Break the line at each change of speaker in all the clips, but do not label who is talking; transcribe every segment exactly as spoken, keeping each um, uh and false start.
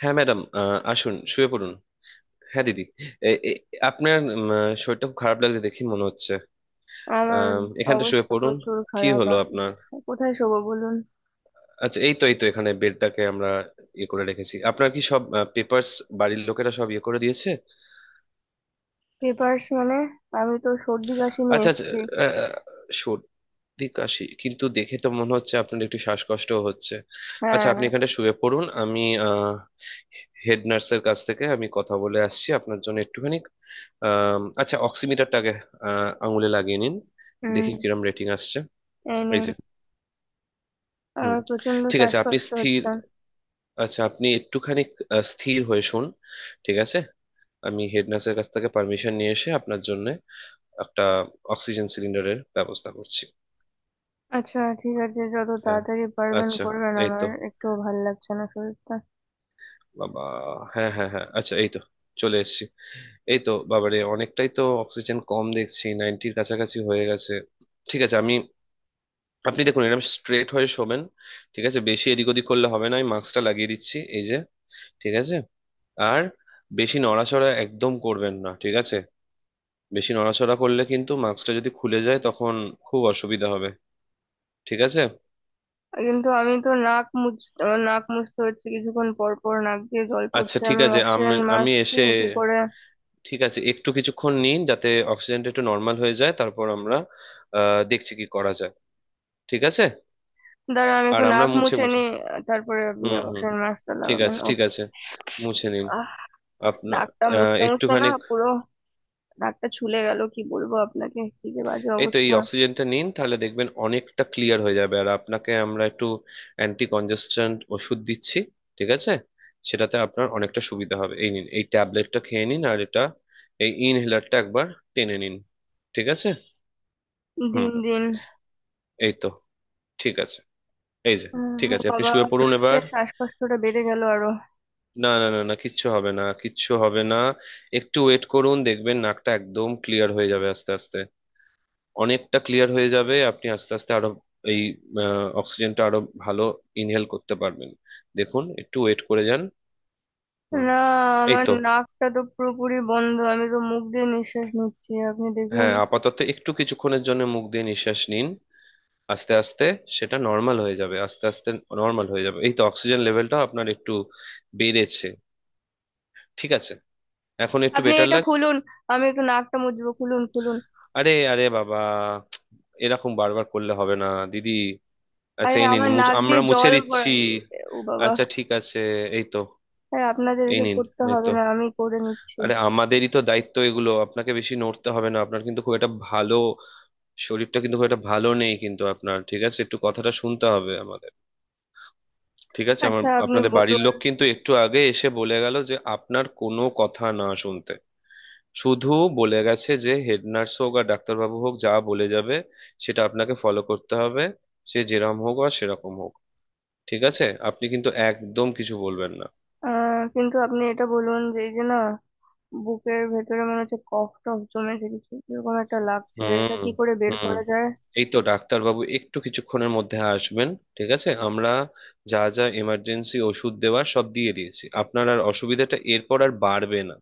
হ্যাঁ ম্যাডাম, আহ, আসুন শুয়ে পড়ুন। হ্যাঁ দিদি। এ- এ- আপনার উম, আহ, শরীরটা খুব খারাপ লাগছে, দেখি মনে হচ্ছে।
আমার
আম, এখানটা শুয়ে
অবস্থা
পড়ুন।
প্রচুর
কি
খারাপ।
হলো
আপনি
আপনার?
কোথায় শোবো বলুন?
আচ্ছা, এই তো এই তো এখানে বেডটাকে আমরা ইয়ে করে রেখেছি, আপনার কি সব পেপারস বাড়ির লোকেরা সব ইয়ে করে দিয়েছে।
পেপার্স মানে? আমি তো সর্দি কাশি নিয়ে
আচ্ছা আচ্ছা,
এসেছি।
দিক আসি, কিন্তু দেখে তো মনে হচ্ছে আপনার একটু শ্বাসকষ্ট হচ্ছে। আচ্ছা,
হ্যাঁ।
আপনি এখানে শুয়ে পড়ুন। আমি আহ হেড নার্সের কাছ থেকে আমি কথা বলে আসছি আপনার জন্য। একটুখানি আম, আচ্ছা অক্সিমিটারটাকে আহ, আঙুলে লাগিয়ে নিন।
হুম,
দেখি কিরম রেটিং আসছে।
এই নিন।
এই যে। হুম।
আমার প্রচন্ড
ঠিক আছে, আপনি
শ্বাসকষ্ট
স্থির।
হচ্ছে।
আচ্ছা আপনি একটুখানি আহ, স্থির হয়ে শুন। ঠিক আছে, আমি হেড নার্সের কাছ থেকে পারমিশন নিয়ে এসে আপনার জন্য একটা অক্সিজেন সিলিন্ডারের ব্যবস্থা করছি।
আচ্ছা, ঠিক আছে, যত
হ্যাঁ,
তাড়াতাড়ি পারবেন
আচ্ছা,
করবেন,
এই
আমার
তো,
একটু ভাল লাগছে না শরীরটা।
বাবা, হ্যাঁ হ্যাঁ হ্যাঁ, আচ্ছা এই তো চলে এসেছি। এই তো বাবারে, অনেকটাই তো অক্সিজেন কম দেখছি, নাইনটির কাছাকাছি হয়ে গেছে। ঠিক আছে, আমি, আপনি দেখুন, এরকম স্ট্রেট হয়ে শোবেন। ঠিক আছে, বেশি এদিক ওদিক করলে হবে না, আমি মাস্কটা লাগিয়ে দিচ্ছি, এই যে। ঠিক আছে। আর বেশি নড়াচড়া একদম করবেন না, ঠিক আছে? বেশি নড়াচড়া করলে কিন্তু মাস্কটা যদি খুলে যায়, তখন খুব অসুবিধা হবে। ঠিক আছে।
কিন্তু আমি তো নাক মুছতে, আমার নাক মুছতে হচ্ছে, কিছুক্ষণ পর পর নাক দিয়ে জল
আচ্ছা
পড়ছে,
ঠিক
আমি
আছে, আমি
অক্সিজেন
আমি
মাস্ক
এসে
দিয়ে কি করে?
ঠিক আছে, একটু কিছুক্ষণ নিন যাতে অক্সিজেনটা একটু নর্মাল হয়ে যায়, তারপর আমরা আহ দেখছি কি করা যায়। ঠিক আছে।
দাঁড়া, আমি
আর
একটু
আমরা
নাক
মুছে
মুছে
মুছে,
নি, তারপরে আপনি
হুম হুম,
অক্সিজেন মাস্কটা
ঠিক
লাগাবেন
আছে
ও।
ঠিক আছে, মুছে নিন আপনার
নাকটা
আহ,
মুছতে মুছতে না
একটুখানি।
পুরো নাকটা ছুলে গেল, কি বলবো আপনাকে, কি যে বাজে
এই তো, এই
অবস্থা।
অক্সিজেনটা নিন, তাহলে দেখবেন অনেকটা ক্লিয়ার হয়ে যাবে। আর আপনাকে আমরা একটু অ্যান্টি কনজেস্ট্যান্ট ওষুধ দিচ্ছি, ঠিক আছে? সেটাতে আপনার অনেকটা সুবিধা হবে। এই নিন, এই ট্যাবলেটটা খেয়ে নিন, আর এটা, এই ইনহেলারটা একবার টেনে নিন, ঠিক আছে? হুম,
দিন দিন।
এই তো, ঠিক আছে, এই যে।
উম,
ঠিক
ও
আছে, আপনি
বাবা,
শুয়ে
মনে
পড়ুন
হচ্ছে
এবার।
শ্বাসকষ্টটা বেড়ে গেল আরো।
না না না না, কিচ্ছু হবে না, কিচ্ছু হবে না, একটু ওয়েট করুন, দেখবেন নাকটা একদম ক্লিয়ার হয়ে যাবে। আস্তে আস্তে অনেকটা ক্লিয়ার হয়ে যাবে। আপনি আস্তে আস্তে আরো এই অক্সিজেনটা আরো ভালো ইনহেল করতে পারবেন। দেখুন, একটু ওয়েট করে যান। হুম।
না,
এই
আমার
তো,
নাকটা তো পুরোপুরি বন্ধ, আমি তো মুখ দিয়ে নিঃশ্বাস নিচ্ছি, আপনি দেখুন।
হ্যাঁ আপাতত একটু কিছুক্ষণের জন্য মুখ দিয়ে নিঃশ্বাস নিন, আস্তে আস্তে সেটা নর্মাল হয়ে যাবে। আস্তে আস্তে নর্মাল হয়ে যাবে। এই তো, অক্সিজেন লেভেলটা আপনার একটু বেড়েছে। ঠিক আছে, এখন একটু
আপনি
বেটার
এটা
লাগছে।
খুলুন, আমি একটু নাকটা মুছবো, খুলুন খুলুন।
আরে আরে বাবা, এরকম বারবার করলে হবে না দিদি। আচ্ছা,
আরে
এই নিন,
আমার
মুছ-
নাক দিয়ে
আমরা মুছে
জল
দিচ্ছি।
গড়ায়, ও বাবা।
আচ্ছা, ঠিক আছে, এই তো,
আরে আপনাদের
এই
এসব
নিন,
করতে
এই
হবে
তো।
না, আমি করে নিচ্ছি।
আরে, আমাদেরই তো দায়িত্ব এগুলো, আপনাকে বেশি নড়তে হবে না। আপনার কিন্তু খুব একটা ভালো শরীরটা কিন্তু খুব একটা ভালো নেই কিন্তু আপনার, ঠিক আছে? একটু কথাটা শুনতে হবে আমাদের। ঠিক আছে, আমার,
আচ্ছা, আপনি
আপনাদের বাড়ির
বলুন।
লোক কিন্তু একটু আগে এসে বলে গেল যে আপনার কোনো কথা না শুনতে, শুধু বলে গেছে যে হেড নার্স হোক আর ডাক্তারবাবু হোক যা বলে যাবে, সেটা আপনাকে ফলো করতে হবে। সে যেরকম হোক আর সেরকম হোক, ঠিক আছে? আপনি কিন্তু একদম কিছু বলবেন না।
আহ, কিন্তু আপনি এটা বলুন যে এই যে না, বুকের ভেতরে মনে হচ্ছে কফ টফ জমেছে কিছু, এরকম একটা লাগছে, এটা
হুম
কি করে বের
হুম।
করা যায়?
এই তো, ডাক্তারবাবু একটু কিছুক্ষণের মধ্যে আসবেন, ঠিক আছে? আমরা যা যা এমার্জেন্সি ওষুধ দেওয়ার সব দিয়ে দিয়েছি, আপনার আর অসুবিধাটা এরপর আর বাড়বে না।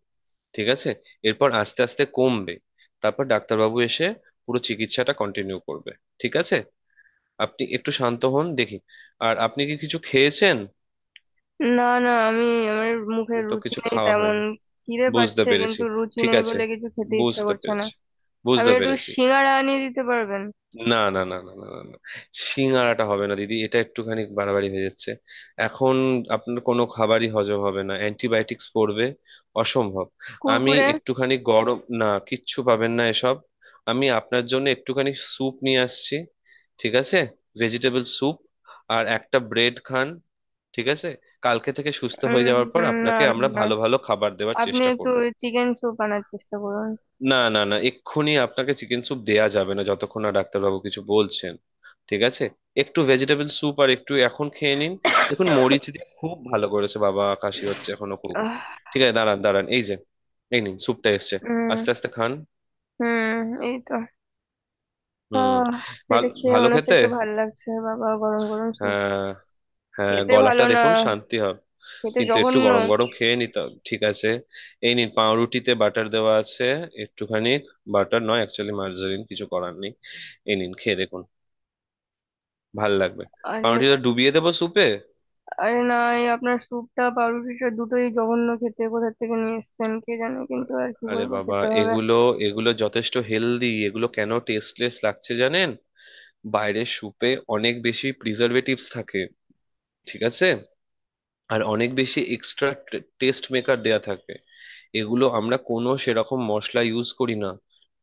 ঠিক আছে? এরপর আস্তে আস্তে কমবে, তারপর ডাক্তারবাবু এসে পুরো চিকিৎসাটা কন্টিনিউ করবে। ঠিক আছে? আপনি একটু শান্ত হন দেখি। আর আপনি কি কিছু খেয়েছেন?
না না, আমি আমার মুখে
তো
রুচি
কিছু
নেই
খাওয়া
তেমন।
হয়নি।
খিদে
বুঝতে
পাচ্ছে,
পেরেছি।
কিন্তু রুচি
ঠিক
নেই
আছে,
বলে কিছু খেতে ইচ্ছা
বুঝতে
করছে না।
পেরেছি,
আপনি
বুঝতে
একটু
পেরেছি।
সিঙ্গাড়া আনিয়ে দিতে পারবেন?
না না না না না না না, সিঙাড়াটা হবে না দিদি, এটা একটুখানি বাড়াবাড়ি হয়ে যাচ্ছে এখন। আপনার কোনো খাবারই হজম হবে না, অ্যান্টিবায়োটিক্স পড়বে, অসম্ভব। আমি
কুরকুরে?
একটুখানি গরম, না কিচ্ছু পাবেন না এসব, আমি আপনার জন্য একটুখানি স্যুপ নিয়ে আসছি, ঠিক আছে? ভেজিটেবল স্যুপ আর একটা ব্রেড খান, ঠিক আছে? কালকে থেকে সুস্থ হয়ে
উম,
যাওয়ার পর
না না
আপনাকে আমরা
না,
ভালো ভালো খাবার দেওয়ার
আপনি
চেষ্টা
একটু
করব।
চিকেন স্যুপ আনার চেষ্টা করুন।
না না না, এক্ষুনি আপনাকে চিকেন স্যুপ দেয়া যাবে না, যতক্ষণ না ডাক্তারবাবু কিছু বলছেন, ঠিক আছে? একটু ভেজিটেবল স্যুপ আর একটু এখন খেয়ে নিন। দেখুন মরিচ দিয়ে খুব ভালো করেছে, বাবা কাশি হচ্ছে এখনো খুব।
আহ,
ঠিক আছে, দাঁড়ান দাঁড়ান, এই যে, এই নিন, স্যুপটা এসছে।
উম
আস্তে আস্তে খান।
হুম, এই তো।
হুম,
আহ, এটা
ভালো
খেয়ে
ভালো
মনে হচ্ছে
খেতে।
একটু ভালো লাগছে, বাবা গরম গরম স্যুপ।
হ্যাঁ হ্যাঁ,
খেতে ভালো
গলাটা
না,
দেখুন শান্তি হবে।
খেতে
কিন্তু একটু
জঘন্য।
গরম গরম খেয়ে নিতে হবে, ঠিক আছে? এই নিন, পাউরুটিতে বাটার দেওয়া আছে, একটুখানি। বাটার নয়, অ্যাকচুয়ালি মার্জারিন, কিছু করার নেই। এই নিন, খেয়ে দেখুন, ভাল লাগবে।
আরে
পাউরুটিটা ডুবিয়ে দেবো স্যুপে।
আরে না, এই আপনার স্যুপটা পাউরুটিটা দুটোই জঘন্য খেতে, কোথা থেকে নিয়ে এসেছেন কে জানে, কিন্তু আর কি
আরে
বলবো,
বাবা,
খেতে হবে।
এগুলো, এগুলো যথেষ্ট হেলদি। এগুলো কেন টেস্টলেস লাগছে জানেন? বাইরের স্যুপে অনেক বেশি প্রিজারভেটিভস থাকে, ঠিক আছে? আর অনেক বেশি এক্সট্রা টেস্ট মেকার দেয়া থাকে। এগুলো আমরা কোনো সেরকম মশলা ইউজ করি না,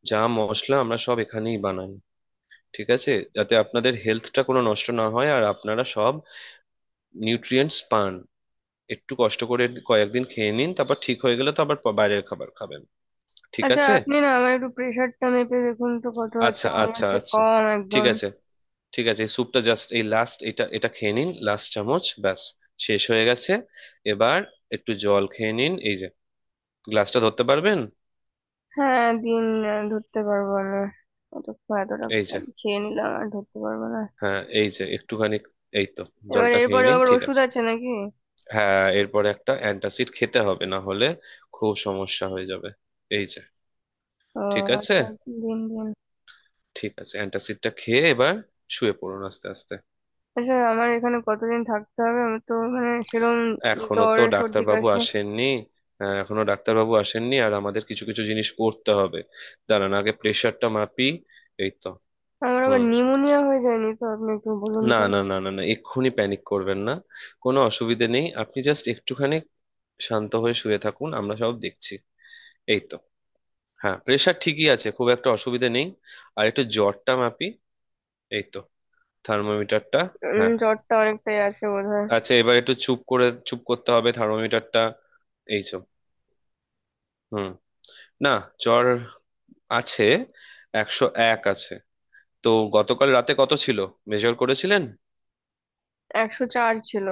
যা মশলা আমরা সব এখানেই বানাই, ঠিক আছে? যাতে আপনাদের হেলথটা কোনো নষ্ট না হয় আর আপনারা সব নিউট্রিয়েন্টস পান। একটু কষ্ট করে কয়েকদিন খেয়ে নিন, তারপর ঠিক হয়ে গেলে তো আবার প- বাইরের খাবার খাবেন, ঠিক
আচ্ছা,
আছে?
আপনি না আমার একটু প্রেশারটা মেপে দেখুন তো কত আছে,
আচ্ছা
আমার মনে
আচ্ছা
হচ্ছে
আচ্ছা,
কম
ঠিক
একদম।
আছে ঠিক আছে, এই স্যুপটা জাস্ট এই লাস্ট, এটা এটা খেয়ে নিন, লাস্ট চামচ, ব্যাস শেষ হয়ে গেছে। এবার একটু জল খেয়ে নিন, এই যে, গ্লাসটা ধরতে পারবেন?
হ্যাঁ, দিন। আহ, ধরতে পারবো না অত, এতটা
এই যে,
খেয়ে নিলাম, আর ধরতে পারবো না।
হ্যাঁ এই যে একটুখানি, এই তো।
এবার
জলটা খেয়ে
এরপরে
নিন,
আবার
ঠিক
ওষুধ
আছে?
আছে নাকি?
হ্যাঁ এরপরে একটা অ্যান্টাসিড খেতে হবে, না হলে খুব সমস্যা হয়ে যাবে। এই যে,
ও,
ঠিক আছে।
আচ্ছা, দিন দিন।
ঠিক আছে, অ্যান্টাসিডটা খেয়ে এবার শুয়ে পড়ুন আস্তে আস্তে।
আচ্ছা, আমার এখানে কতদিন থাকতে হবে? আমার তো মানে সেরকম
এখনো
জ্বর
তো
সর্দি
ডাক্তারবাবু
কাশি।
আসেননি। আহ, এখনো ডাক্তারবাবু আসেননি, আর আমাদের কিছু কিছু জিনিস করতে হবে। দাঁড়ান, আগে প্রেশারটা মাপি। এই তো।
আমার আবার
হুম।
নিউমোনিয়া হয়ে যায়নি তো, আপনি একটু বলুন
না
তো।
না না না না, এক্ষুনি প্যানিক করবেন না, কোনো অসুবিধে নেই। আপনি জাস্ট একটুখানি শান্ত হয়ে শুয়ে থাকুন, আমরা সব দেখছি। এই তো, হ্যাঁ প্রেশার ঠিকই আছে, খুব একটা অসুবিধে নেই। আর একটু জ্বরটা মাপি, এই তো, থার্মোমিটারটা।
উম,
হ্যাঁ,
জ্বরটা অনেকটাই আছে বোধহয়।
আচ্ছা এবার একটু চুপ করে, চুপ করতে হবে, থার্মোমিটারটা এই সব। হুম। না, জ্বর আছে, একশো এক আছে তো। গতকাল রাতে কত ছিল, মেজার করেছিলেন?
একশো চার ছিল।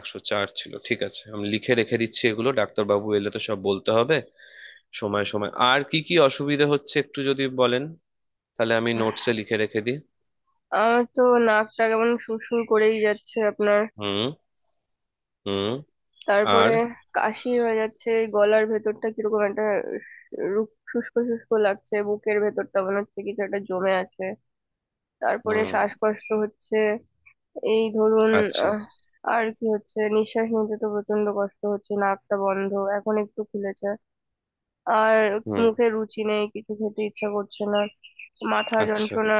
একশো চার ছিল, ঠিক আছে, আমি লিখে রেখে দিচ্ছি এগুলো, ডাক্তারবাবু এলে তো সব বলতে হবে। সময় সময় আর কি কি অসুবিধা হচ্ছে একটু যদি বলেন, তাহলে আমি নোটসে লিখে রেখে দিই।
আমার তো নাকটা কেমন সুরসুর করেই যাচ্ছে আপনার।
হুম হুম।
তারপরে
আর
কাশি হয়ে যাচ্ছে, গলার ভেতরটা কিরকম একটা রু- শুষ্ক শুষ্ক লাগছে, বুকের ভেতরটা মনে হচ্ছে কিছু একটা জমে আছে, তারপরে
হুম।
শ্বাসকষ্ট হচ্ছে, এই ধরুন।
আচ্ছা।
আহ, আর কি হচ্ছে, নিঃশ্বাস নিতে তো প্রচন্ড কষ্ট হচ্ছে, নাকটা বন্ধ, এখন একটু খুলেছে। আর
হুম।
মুখে রুচি নেই, কিছু খেতে ইচ্ছা করছে না, মাথা
আচ্ছা।
যন্ত্রণা,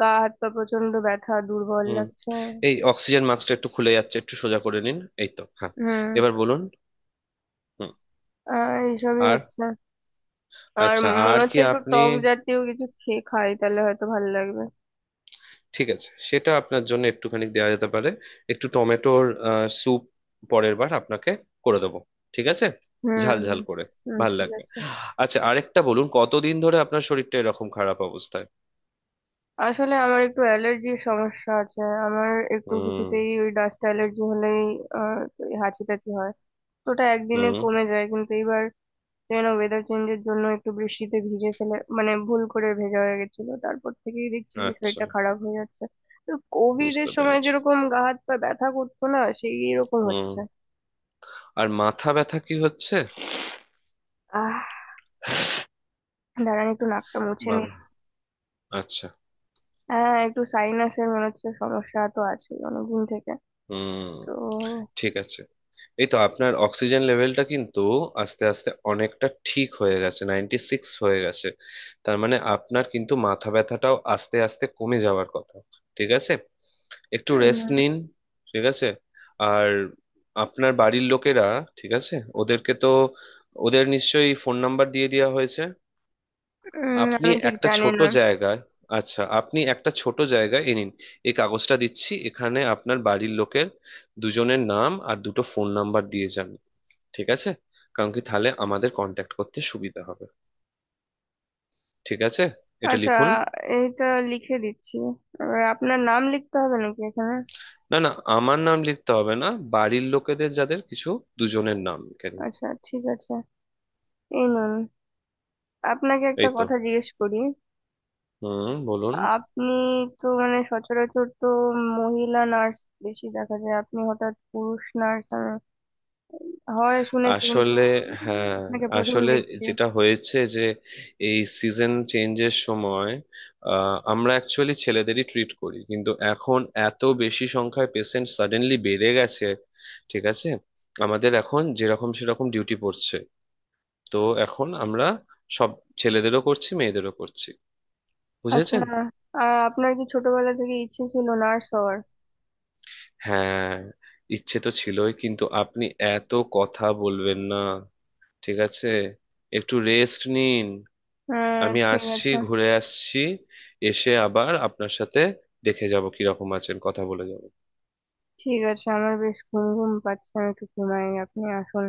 গা হাত পা প্রচন্ড ব্যথা, দুর্বল
হুম,
লাগছে।
এই অক্সিজেন মাস্কটা একটু খুলে যাচ্ছে, একটু সোজা করে নিন। এই তো, হ্যাঁ।
হুম।
এবার বলুন। হুম।
আহ, এইসবই
আর,
হচ্ছে। আর
আচ্ছা,
মনে
আর কি
হচ্ছে একটু
আপনি?
টক জাতীয় কিছু খেয়ে খাই, তাহলে হয়তো ভালো লাগবে।
ঠিক আছে, সেটা আপনার জন্য একটুখানি দেওয়া যেতে পারে। একটু টমেটোর স্যুপ পরের বার আপনাকে করে দেবো, ঠিক আছে? ঝাল
হুম।
ঝাল করে
হুম,
ভাল
ঠিক
লাগবে।
আছে।
আচ্ছা আরেকটা বলুন, কতদিন ধরে আপনার শরীরটা এরকম খারাপ অবস্থায়?
আসলে আমার একটু অ্যালার্জির সমস্যা আছে, আমার একটু
হুম
কিছুতেই ওই ডাস্ট অ্যালার্জি হলেই আহ হাঁচি টাচি হয়, তো ওটা একদিনে
হুম।
কমে যায়, কিন্তু এইবার যেন ওয়েদার চেঞ্জের জন্য একটু বৃষ্টিতে ভিজে ফেলে, মানে ভুল করে ভেজা হয়ে গেছিল, তারপর থেকেই দেখছি যে
আচ্ছা।
শরীরটা খারাপ হয়ে যাচ্ছে। তো কোভিড এর
বুঝতে
সময়
পেরেছি।
যেরকম গা হাত পা ব্যথা করতো না, সেই রকম
হুম।
হচ্ছে।
আর মাথা ব্যথা কি হচ্ছে?
আহ দাঁড়ান, একটু নাকটা মুছে নি।
বাবা, আচ্ছা।
হ্যাঁ, একটু সাইনাসের মনে হচ্ছে সমস্যা তো আছে অনেকদিন থেকে।
হুম,
তো
ঠিক আছে। এই তো আপনার অক্সিজেন লেভেলটা কিন্তু আস্তে আস্তে অনেকটা ঠিক হয়ে গেছে, নাইনটি সিক্স হয়ে গেছে। তার মানে আপনার কিন্তু মাথা ব্যথাটাও আস্তে আস্তে কমে যাওয়ার কথা। ঠিক আছে, একটু রেস্ট
উম,
নিন। ঠিক আছে। আর আপনার বাড়ির লোকেরা, ঠিক আছে, ওদেরকে তো, ওদের নিশ্চয়ই ফোন নাম্বার দিয়ে দেওয়া হয়েছে।
উম,
আপনি
আমি ঠিক
একটা
জানি
ছোট
না।
জায়গায়, আচ্ছা আপনি একটা ছোট জায়গায় এ নিন, এই কাগজটা দিচ্ছি, এখানে আপনার বাড়ির লোকের দুজনের নাম আর দুটো ফোন নাম্বার দিয়ে যান, ঠিক আছে? কারণ কি, তাহলে আমাদের কন্ট্যাক্ট করতে সুবিধা হবে। ঠিক আছে? এটা
আচ্ছা,
লিখুন।
এইটা লিখে দিচ্ছি। এবার আপনার নাম লিখতে হবে নাকি এখানে?
না না, আমার নাম লিখতে হবে না, বাড়ির লোকেদের, যাদের কিছু, দুজনের নাম লিখে নিন।
আচ্ছা, ঠিক আছে, এই নুন। আপনাকে একটা
এই তো,
কথা জিজ্ঞেস করি।
হুম বলুন।
আপনি তো মানে সচরাচর তো মহিলা নার্স বেশি দেখা যায়, আপনি হঠাৎ পুরুষ নার্স হয় শুনেছি কিন্তু,
আসলে,
উম,
হ্যাঁ,
আপনাকে প্রথম
আসলে
দেখছি।
যেটা হয়েছে যে এই সিজন চেঞ্জের সময় আহ, আমরা অ্যাকচুয়ালি ছেলেদেরই ট্রিট করি, কিন্তু এখন এত বেশি সংখ্যায় পেশেন্ট সাডেনলি বেড়ে গেছে, ঠিক আছে? আমাদের এখন যেরকম সেরকম ডিউটি পড়ছে, তো এখন আমরা সব ছেলেদেরও করছি, মেয়েদেরও করছি,
আচ্ছা,
বুঝেছেন?
আর আপনার কি ছোটবেলা থেকে ইচ্ছে ছিল নার্স হওয়ার?
হ্যাঁ, ইচ্ছে তো ছিলই, কিন্তু আপনি এত কথা বলবেন না, ঠিক আছে? একটু রেস্ট নিন।
হ্যাঁ,
আমি
ঠিক
আসছি,
আছে।
ঘুরে আসছি, এসে আবার আপনার সাথে দেখে যাব কিরকম আছেন, কথা বলে যাব।
ঠিক আছে, আমার বেশ ঘুম ঘুম পাচ্ছে, আমি একটু ঘুমাই, আপনি আসুন।